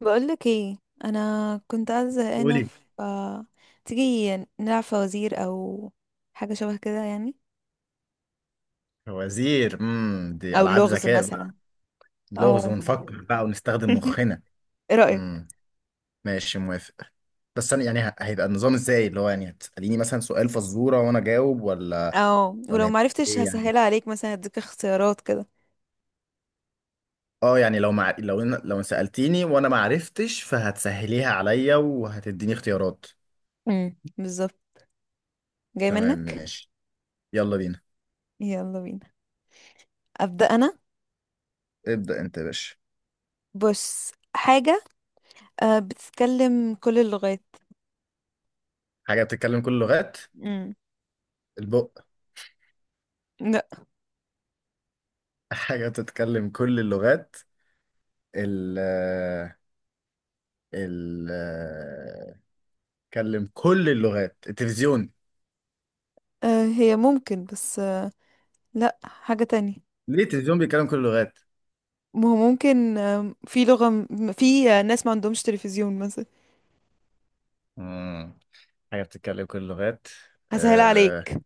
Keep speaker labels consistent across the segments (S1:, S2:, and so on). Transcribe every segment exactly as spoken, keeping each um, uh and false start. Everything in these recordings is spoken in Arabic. S1: بقولك ايه؟ انا كنت قاعده زهقانه
S2: قولي.
S1: ف تيجي نلعب فوازير او حاجه شبه كده يعني،
S2: وزير امم دي
S1: او
S2: العاب
S1: لغز
S2: ذكاء
S1: مثلا.
S2: بقى. لغز
S1: او
S2: ونفكر بقى ونستخدم مخنا.
S1: ايه رايك؟
S2: امم ماشي، موافق. بس انا يعني ه- هيبقى النظام ازاي، اللي هو يعني هتساليني مثلا سؤال فزوره وانا اجاوب، ولا
S1: او
S2: ولا
S1: ولو
S2: هيبقى
S1: معرفتش
S2: ايه يعني؟
S1: هسهلها عليك، مثلا اديك اختيارات كده.
S2: اه يعني لو مع... لو إن... لو سالتيني وانا ما عرفتش فهتسهليها عليا وهتديني اختيارات.
S1: امم، بالظبط. جاي
S2: تمام
S1: منك.
S2: ماشي. يلا بينا.
S1: يلا بينا. ابدا انا.
S2: ابدا انت يا باشا.
S1: بص حاجه، آه، بتتكلم كل اللغات.
S2: حاجه بتتكلم كل اللغات.
S1: امم.
S2: البق.
S1: لا.
S2: حاجه بتتكلم كل اللغات. ال ال بيتكلم كل اللغات، التلفزيون.
S1: آه، هي ممكن، بس آه، لا، حاجه تانية.
S2: ليه التلفزيون بيتكلم كل اللغات؟
S1: ما هو ممكن آه، في لغه م- في آه، ناس ما عندهمش تلفزيون مثلا.
S2: مم. حاجة بتتكلم كل اللغات.
S1: هسهل
S2: آه
S1: عليك.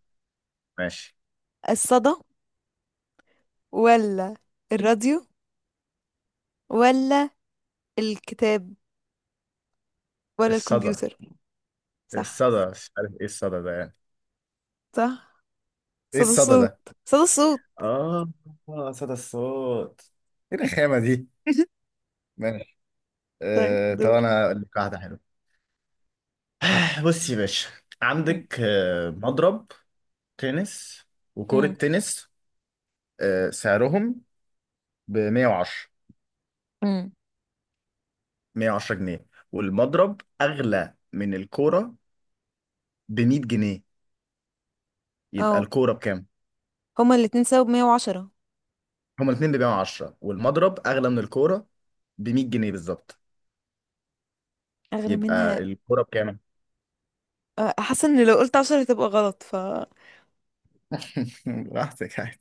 S2: ماشي.
S1: الصدى، ولا الراديو، ولا الكتاب، ولا
S2: الصدى؟
S1: الكمبيوتر؟ صح.
S2: الصدى مش عارف ايه الصدى ده يعني.
S1: صح.
S2: ايه
S1: صدى
S2: الصدى
S1: الصوت،
S2: ده؟
S1: صدى الصوت.
S2: اه. آه، صدى الصوت. ايه الرخامة دي؟ ماشي.
S1: طيب
S2: آه طب
S1: دور.
S2: انا هقول لك واحدة حلوة. آه، بص يا باشا،
S1: مم.
S2: عندك آه، مضرب تنس وكرة
S1: مم.
S2: تنس. آه، سعرهم ب مية وعشرة.
S1: مم.
S2: مية وعشرة جنيه، والمضرب أغلى من الكورة ب مية جنيه. يبقى
S1: اه،
S2: الكوره بكام؟
S1: هما الاتنين سبب مية وعشرة.
S2: هما الاثنين بيبيعوا عشرة، والمضرب اغلى من الكوره ب مية جنيه بالظبط.
S1: اغلى
S2: يبقى
S1: منها.
S2: الكوره بكام؟
S1: أه، حاسه ان لو قلت عشرة هتبقى غلط ف
S2: براحتك عادي.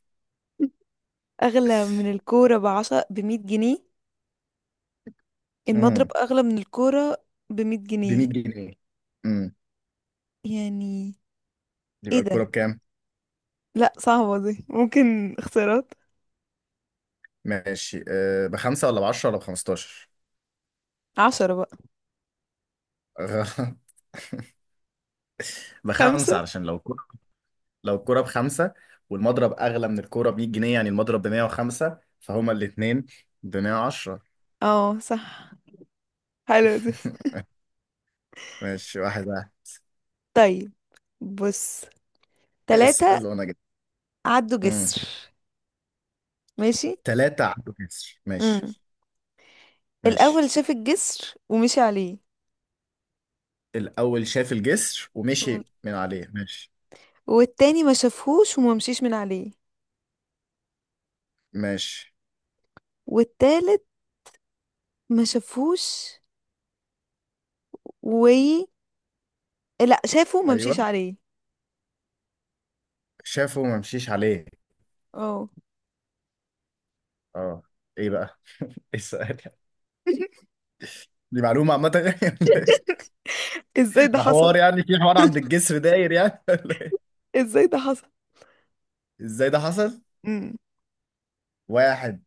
S1: اغلى من الكوره بعشرة، بمية جنيه. المضرب
S2: امم.
S1: اغلى من الكوره بمية
S2: ب
S1: جنيه
S2: مية جنيه. امم.
S1: يعني.
S2: يبقى
S1: ايه ده؟
S2: الكوره بكام؟
S1: لا صعبه دي، ممكن اختيارات.
S2: ماشي، أه، بخمسه ولا بعشره ولا بخمستاشر؟
S1: عشرة بقى.
S2: غ- بخمسه،
S1: خمسة.
S2: علشان لو الكوره، لو الكوره بخمسه والمضرب اغلى من الكوره ب مية جنيه، يعني المضرب ب مية وخمسة، فهما الاثنين ب مية وعشرة.
S1: اه صح. حلو دي.
S2: ماشي واحد واحد.
S1: طيب بص، تلاتة
S2: اسال وانا
S1: عدوا
S2: جاي.
S1: جسر ماشي.
S2: تلاتة عدوا جسر، ماشي
S1: امم.
S2: ماشي.
S1: الأول شاف الجسر ومشي عليه.
S2: الأول شاف الجسر
S1: مم.
S2: ومشي من عليه، ماشي
S1: والتاني ما شافهوش وما مشيش من عليه.
S2: ماشي.
S1: والتالت ما شافهوش و لا شافه وما مشيش
S2: أيوه،
S1: عليه.
S2: شافه وما مشيش عليه.
S1: اه.
S2: اه. إيه بقى؟ ايه السؤال يعني؟ دي معلومة عامة يعني ولا إيه؟
S1: ازاي ده
S2: ده
S1: حصل؟
S2: حوار يعني، في حوار عند الجسر داير يعني ولا إيه؟
S1: ازاي ده حصل؟
S2: إزاي ده حصل؟
S1: امم.
S2: واحد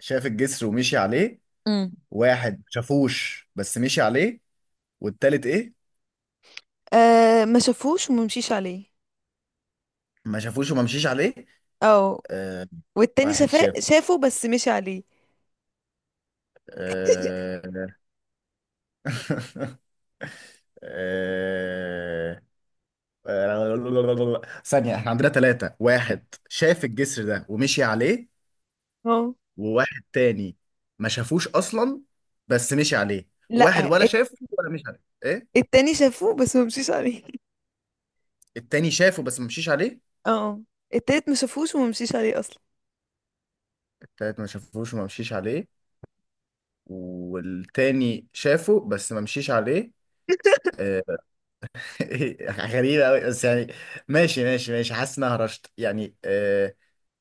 S2: شاف الجسر ومشي عليه.
S1: امم.
S2: واحد ما شافوش بس مشي عليه. والتالت إيه؟
S1: آه، ما شافهوش وما مشيش عليه.
S2: ما شافوش وما مشيش عليه.
S1: اه.
S2: آه.
S1: والتاني
S2: واحد
S1: شافه،
S2: شاف.
S1: شافه بس مشي عليه.
S2: آه. آه. ثانية، احنا عندنا ثلاثة. واحد شاف الجسر ده ومشي عليه.
S1: اه.
S2: وواحد تاني ما شافوش أصلا بس مشي عليه.
S1: لا
S2: واحد ولا
S1: الت-
S2: شافه ولا مشي عليه، ايه.
S1: التاني شافه بس ما مشيش عليه.
S2: التاني شافه بس ما مشيش عليه.
S1: اه. التالت ما شافوش وما مشيش عليه اصلا.
S2: التالت ما شافوش وما مشيش عليه. والتاني شافه بس ما مشيش عليه. آه، غريبة أوي بس يعني. ماشي ماشي ماشي. حاسس إن أنا هرشت يعني. آه،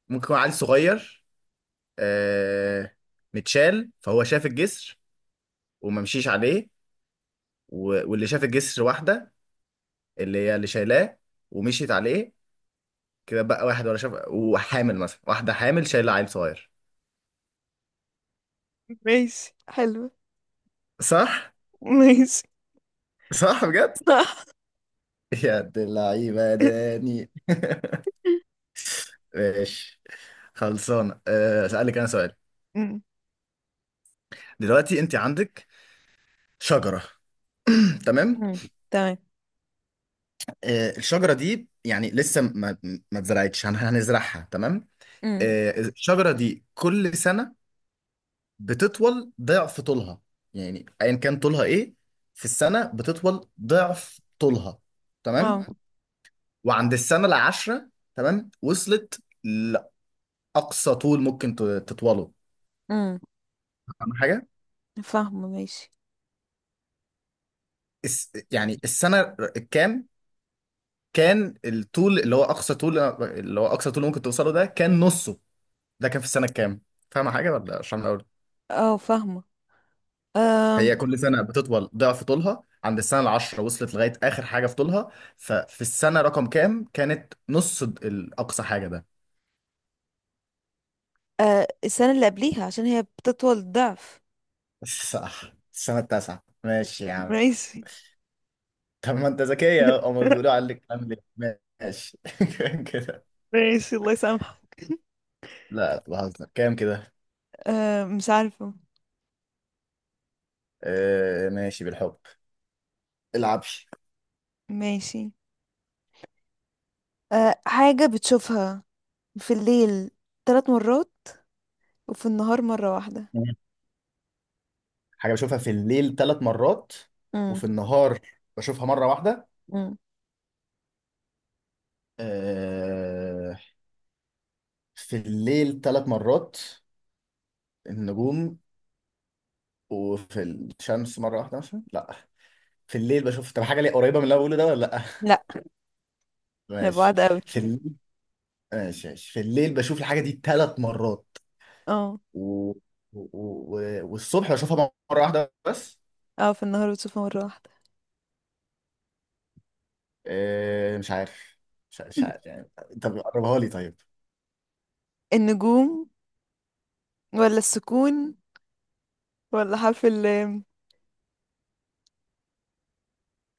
S2: ممكن يكون عيل صغير، آه، متشال، فهو شاف الجسر وما مشيش عليه. و- واللي شاف الجسر واحدة، اللي هي اللي شايلاه ومشيت عليه. كده بقى، واحد ولا شاف، وحامل، مثلا واحدة حامل شايلة عيل صغير.
S1: ماشي حلو.
S2: صح؟
S1: ماشي.
S2: صح بجد؟
S1: صح.
S2: يا دي اللعيبة يا داني. ماشي. خلصانة. أه، أسألك أنا سؤال.
S1: أمم،
S2: دلوقتي أنت عندك شجرة. تمام؟
S1: أمم، تمام.
S2: أه الشجرة دي يعني لسه ما ما اتزرعتش هن- هنزرعها، تمام؟
S1: أمم،
S2: أه الشجرة دي كل سنة بتطول ضعف طولها، يعني ايا كان طولها ايه في السنه بتطول ضعف طولها.
S1: اه.
S2: تمام. وعند السنه العاشره، تمام، وصلت لاقصى طول ممكن ت- تطوله.
S1: أمم.
S2: فاهم حاجه؟
S1: فاهمة ماشي.
S2: الس- يعني السنه الكام كان الطول اللي هو اقصى طول، اللي هو اقصى طول ممكن توصله ده، كان نصه؟ ده كان في السنه الكام؟ فاهم حاجه ولا عشان؟
S1: اه فاهمة. أم،
S2: هي كل سنة بتطول ضعف طولها، عند السنة العشرة وصلت لغاية آخر حاجة في طولها، ففي السنة رقم كام كانت نص د- الأقصى حاجة ده؟
S1: آه، السنة اللي قبليها، عشان هي بتطول الضعف.
S2: صح. السنة التاسعة، ماشي يا عم.
S1: ماشي.
S2: طب ما أنت ذكية أهو، هما بيقولوا عليك عامل إيه؟ ماشي. كده.
S1: ماشي، الله يسامحك.
S2: لا بهزر كام كده.
S1: أه مش عارفة.
S2: آه ماشي بالحب. العبش.
S1: ماشي. أه، حاجة بتشوفها في الليل ثلاث مرات وفي النهار مرة واحدة.
S2: حاجة بشوفها في الليل ثلاث مرات، وفي
S1: امم.
S2: النهار بشوفها مرة واحدة.
S1: امم.
S2: آه. في الليل ثلاث مرات، النجوم. وفي الشمس مرة واحدة، مثلا. لا، في الليل بشوف. طب حاجة ليه قريبة من اللي أنا بقوله ده ولا لا؟
S1: لا، انا
S2: ماشي.
S1: بعاد قوي.
S2: في الليل. ماشي ماشي، في الليل بشوف الحاجة دي ثلاث مرات،
S1: اه.
S2: و... و... و... والصبح بشوفها مرة واحدة بس.
S1: اه، في النهار بتشوفها مرة واحدة.
S2: آه، مش عارف، مش عارف, مش عارف. يعني طب قربها لي طيب.
S1: النجوم، ولا السكون، ولا حرف اللام؟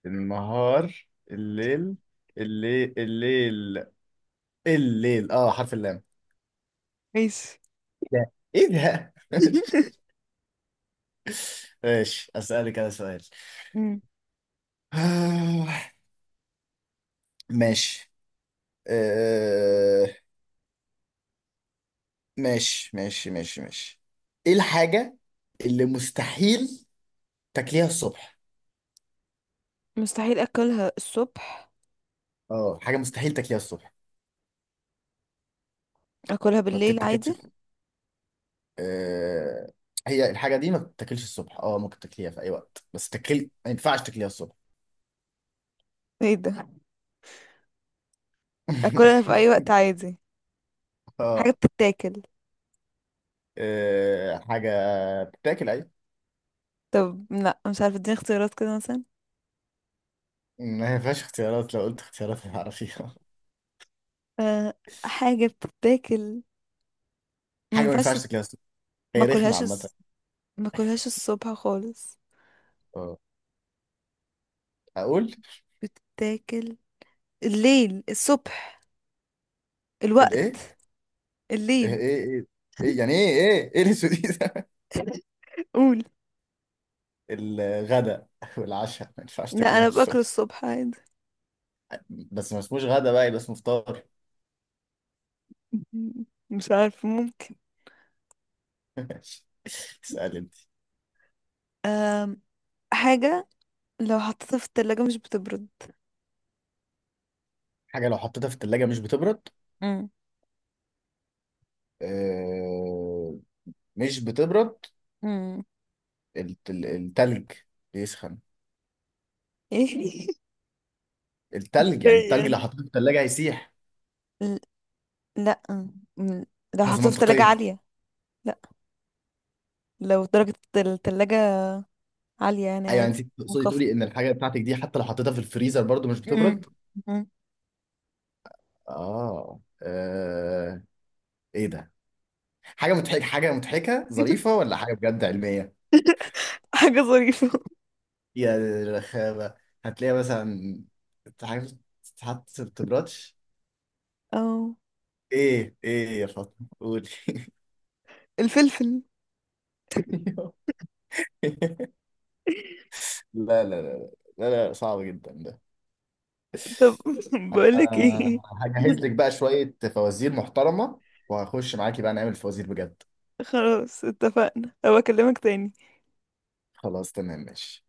S2: النهار الليل، الليل الليل الليل اه، حرف اللام!
S1: ماشي.
S2: إيه ده؟ ايه ده؟ ماشي. ماشي، اسالك انا سؤال.
S1: مم.
S2: آه، ماشي. آه، ماشي ماشي ماشي ماشي. ايه الحاجة اللي مستحيل تاكليها الصبح؟
S1: مستحيل اكلها الصبح.
S2: اه، حاجة مستحيل تاكليها الصبح،
S1: اكلها
S2: ما
S1: بالليل عادي.
S2: بتتاكلش. آه... هي الحاجة دي ما بتتاكلش الصبح، اه، ممكن تاكليها في اي وقت بس تاكل، ما ينفعش تاكليها الصبح.
S1: ايه ده؟ اكلها في اي وقت عادي. حاجة
S2: اه.
S1: بتتاكل.
S2: آه، حاجة بتاكل ايوه.
S1: طب لا مش عارفة، اديني اختيارات كده مثلا.
S2: ما ينفعش اختيارات، لو قلت اختيارات هتعرفيها.
S1: أه. حاجة بتتاكل ما
S2: حاجة ما
S1: ينفعش تت-
S2: ينفعش تاكليها الصبح،
S1: ما
S2: هي رخمة
S1: اكلهاش
S2: عامة.
S1: الص- ما اكلهاش الصبح خالص.
S2: اه. اقول.
S1: بتتاكل الليل، الصبح،
S2: الايه؟
S1: الوقت،
S2: ايه
S1: الليل.
S2: ايه ايه إيه؟ يعني ايه ايه ايه الاسود دي؟
S1: قول.
S2: الغداء والعشاء ما ينفعش
S1: لا
S2: تاكليهم
S1: انا باكل
S2: الصبح.
S1: الصبح عادي.
S2: بس ما اسموش غدا بقى، يبقى اسمه فطار.
S1: مم. مش عارفة، ممكن.
S2: اسأل انت.
S1: أم، حاجة لو حطيتها في التلاجة مش بتبرد.
S2: حاجة لو حطيتها في التلاجة مش بتبرد.
S1: مم.
S2: آه، مش بتبرد.
S1: مم.
S2: الت- ال- التلج بيسخن.
S1: ايه؟
S2: التلج يعني،
S1: إيه
S2: التلج لو
S1: يعني؟
S2: حطيته في التلاجة هيسيح.
S1: ل- لا م- لو
S2: بس
S1: حطيتها في تلاجة
S2: منطقيا
S1: عالية. لا، لو درجة التلاجة عالية يعني،
S2: ايوه،
S1: عادي.
S2: يعني انت تقصدي تقولي
S1: منخفضة.
S2: ان الحاجة بتاعتك دي حتى لو حطيتها في الفريزر برضو مش
S1: مم.
S2: بتبرد.
S1: مم.
S2: اه, آه. ايه ده؟ حاجة مضحكة، حاجة مضحكة ظريفة ولا حاجة بجد علمية؟
S1: حاجة ظريفة.
S2: يا رخامة. هتلاقي مثلا حاجة تتحط في التبراتش.
S1: اه
S2: ايه ايه يا فاطمة قولي.
S1: الفلفل.
S2: لا لا لا لا لا صعب جدا ده.
S1: طب. بقولك ايه،
S2: آه، هجهز لك بقى شوية فوازير محترمة، وهخش معاكي بقى نعمل فوازير بجد.
S1: خلاص اتفقنا، أبقى اكلمك تاني.
S2: خلاص تمام ماشي.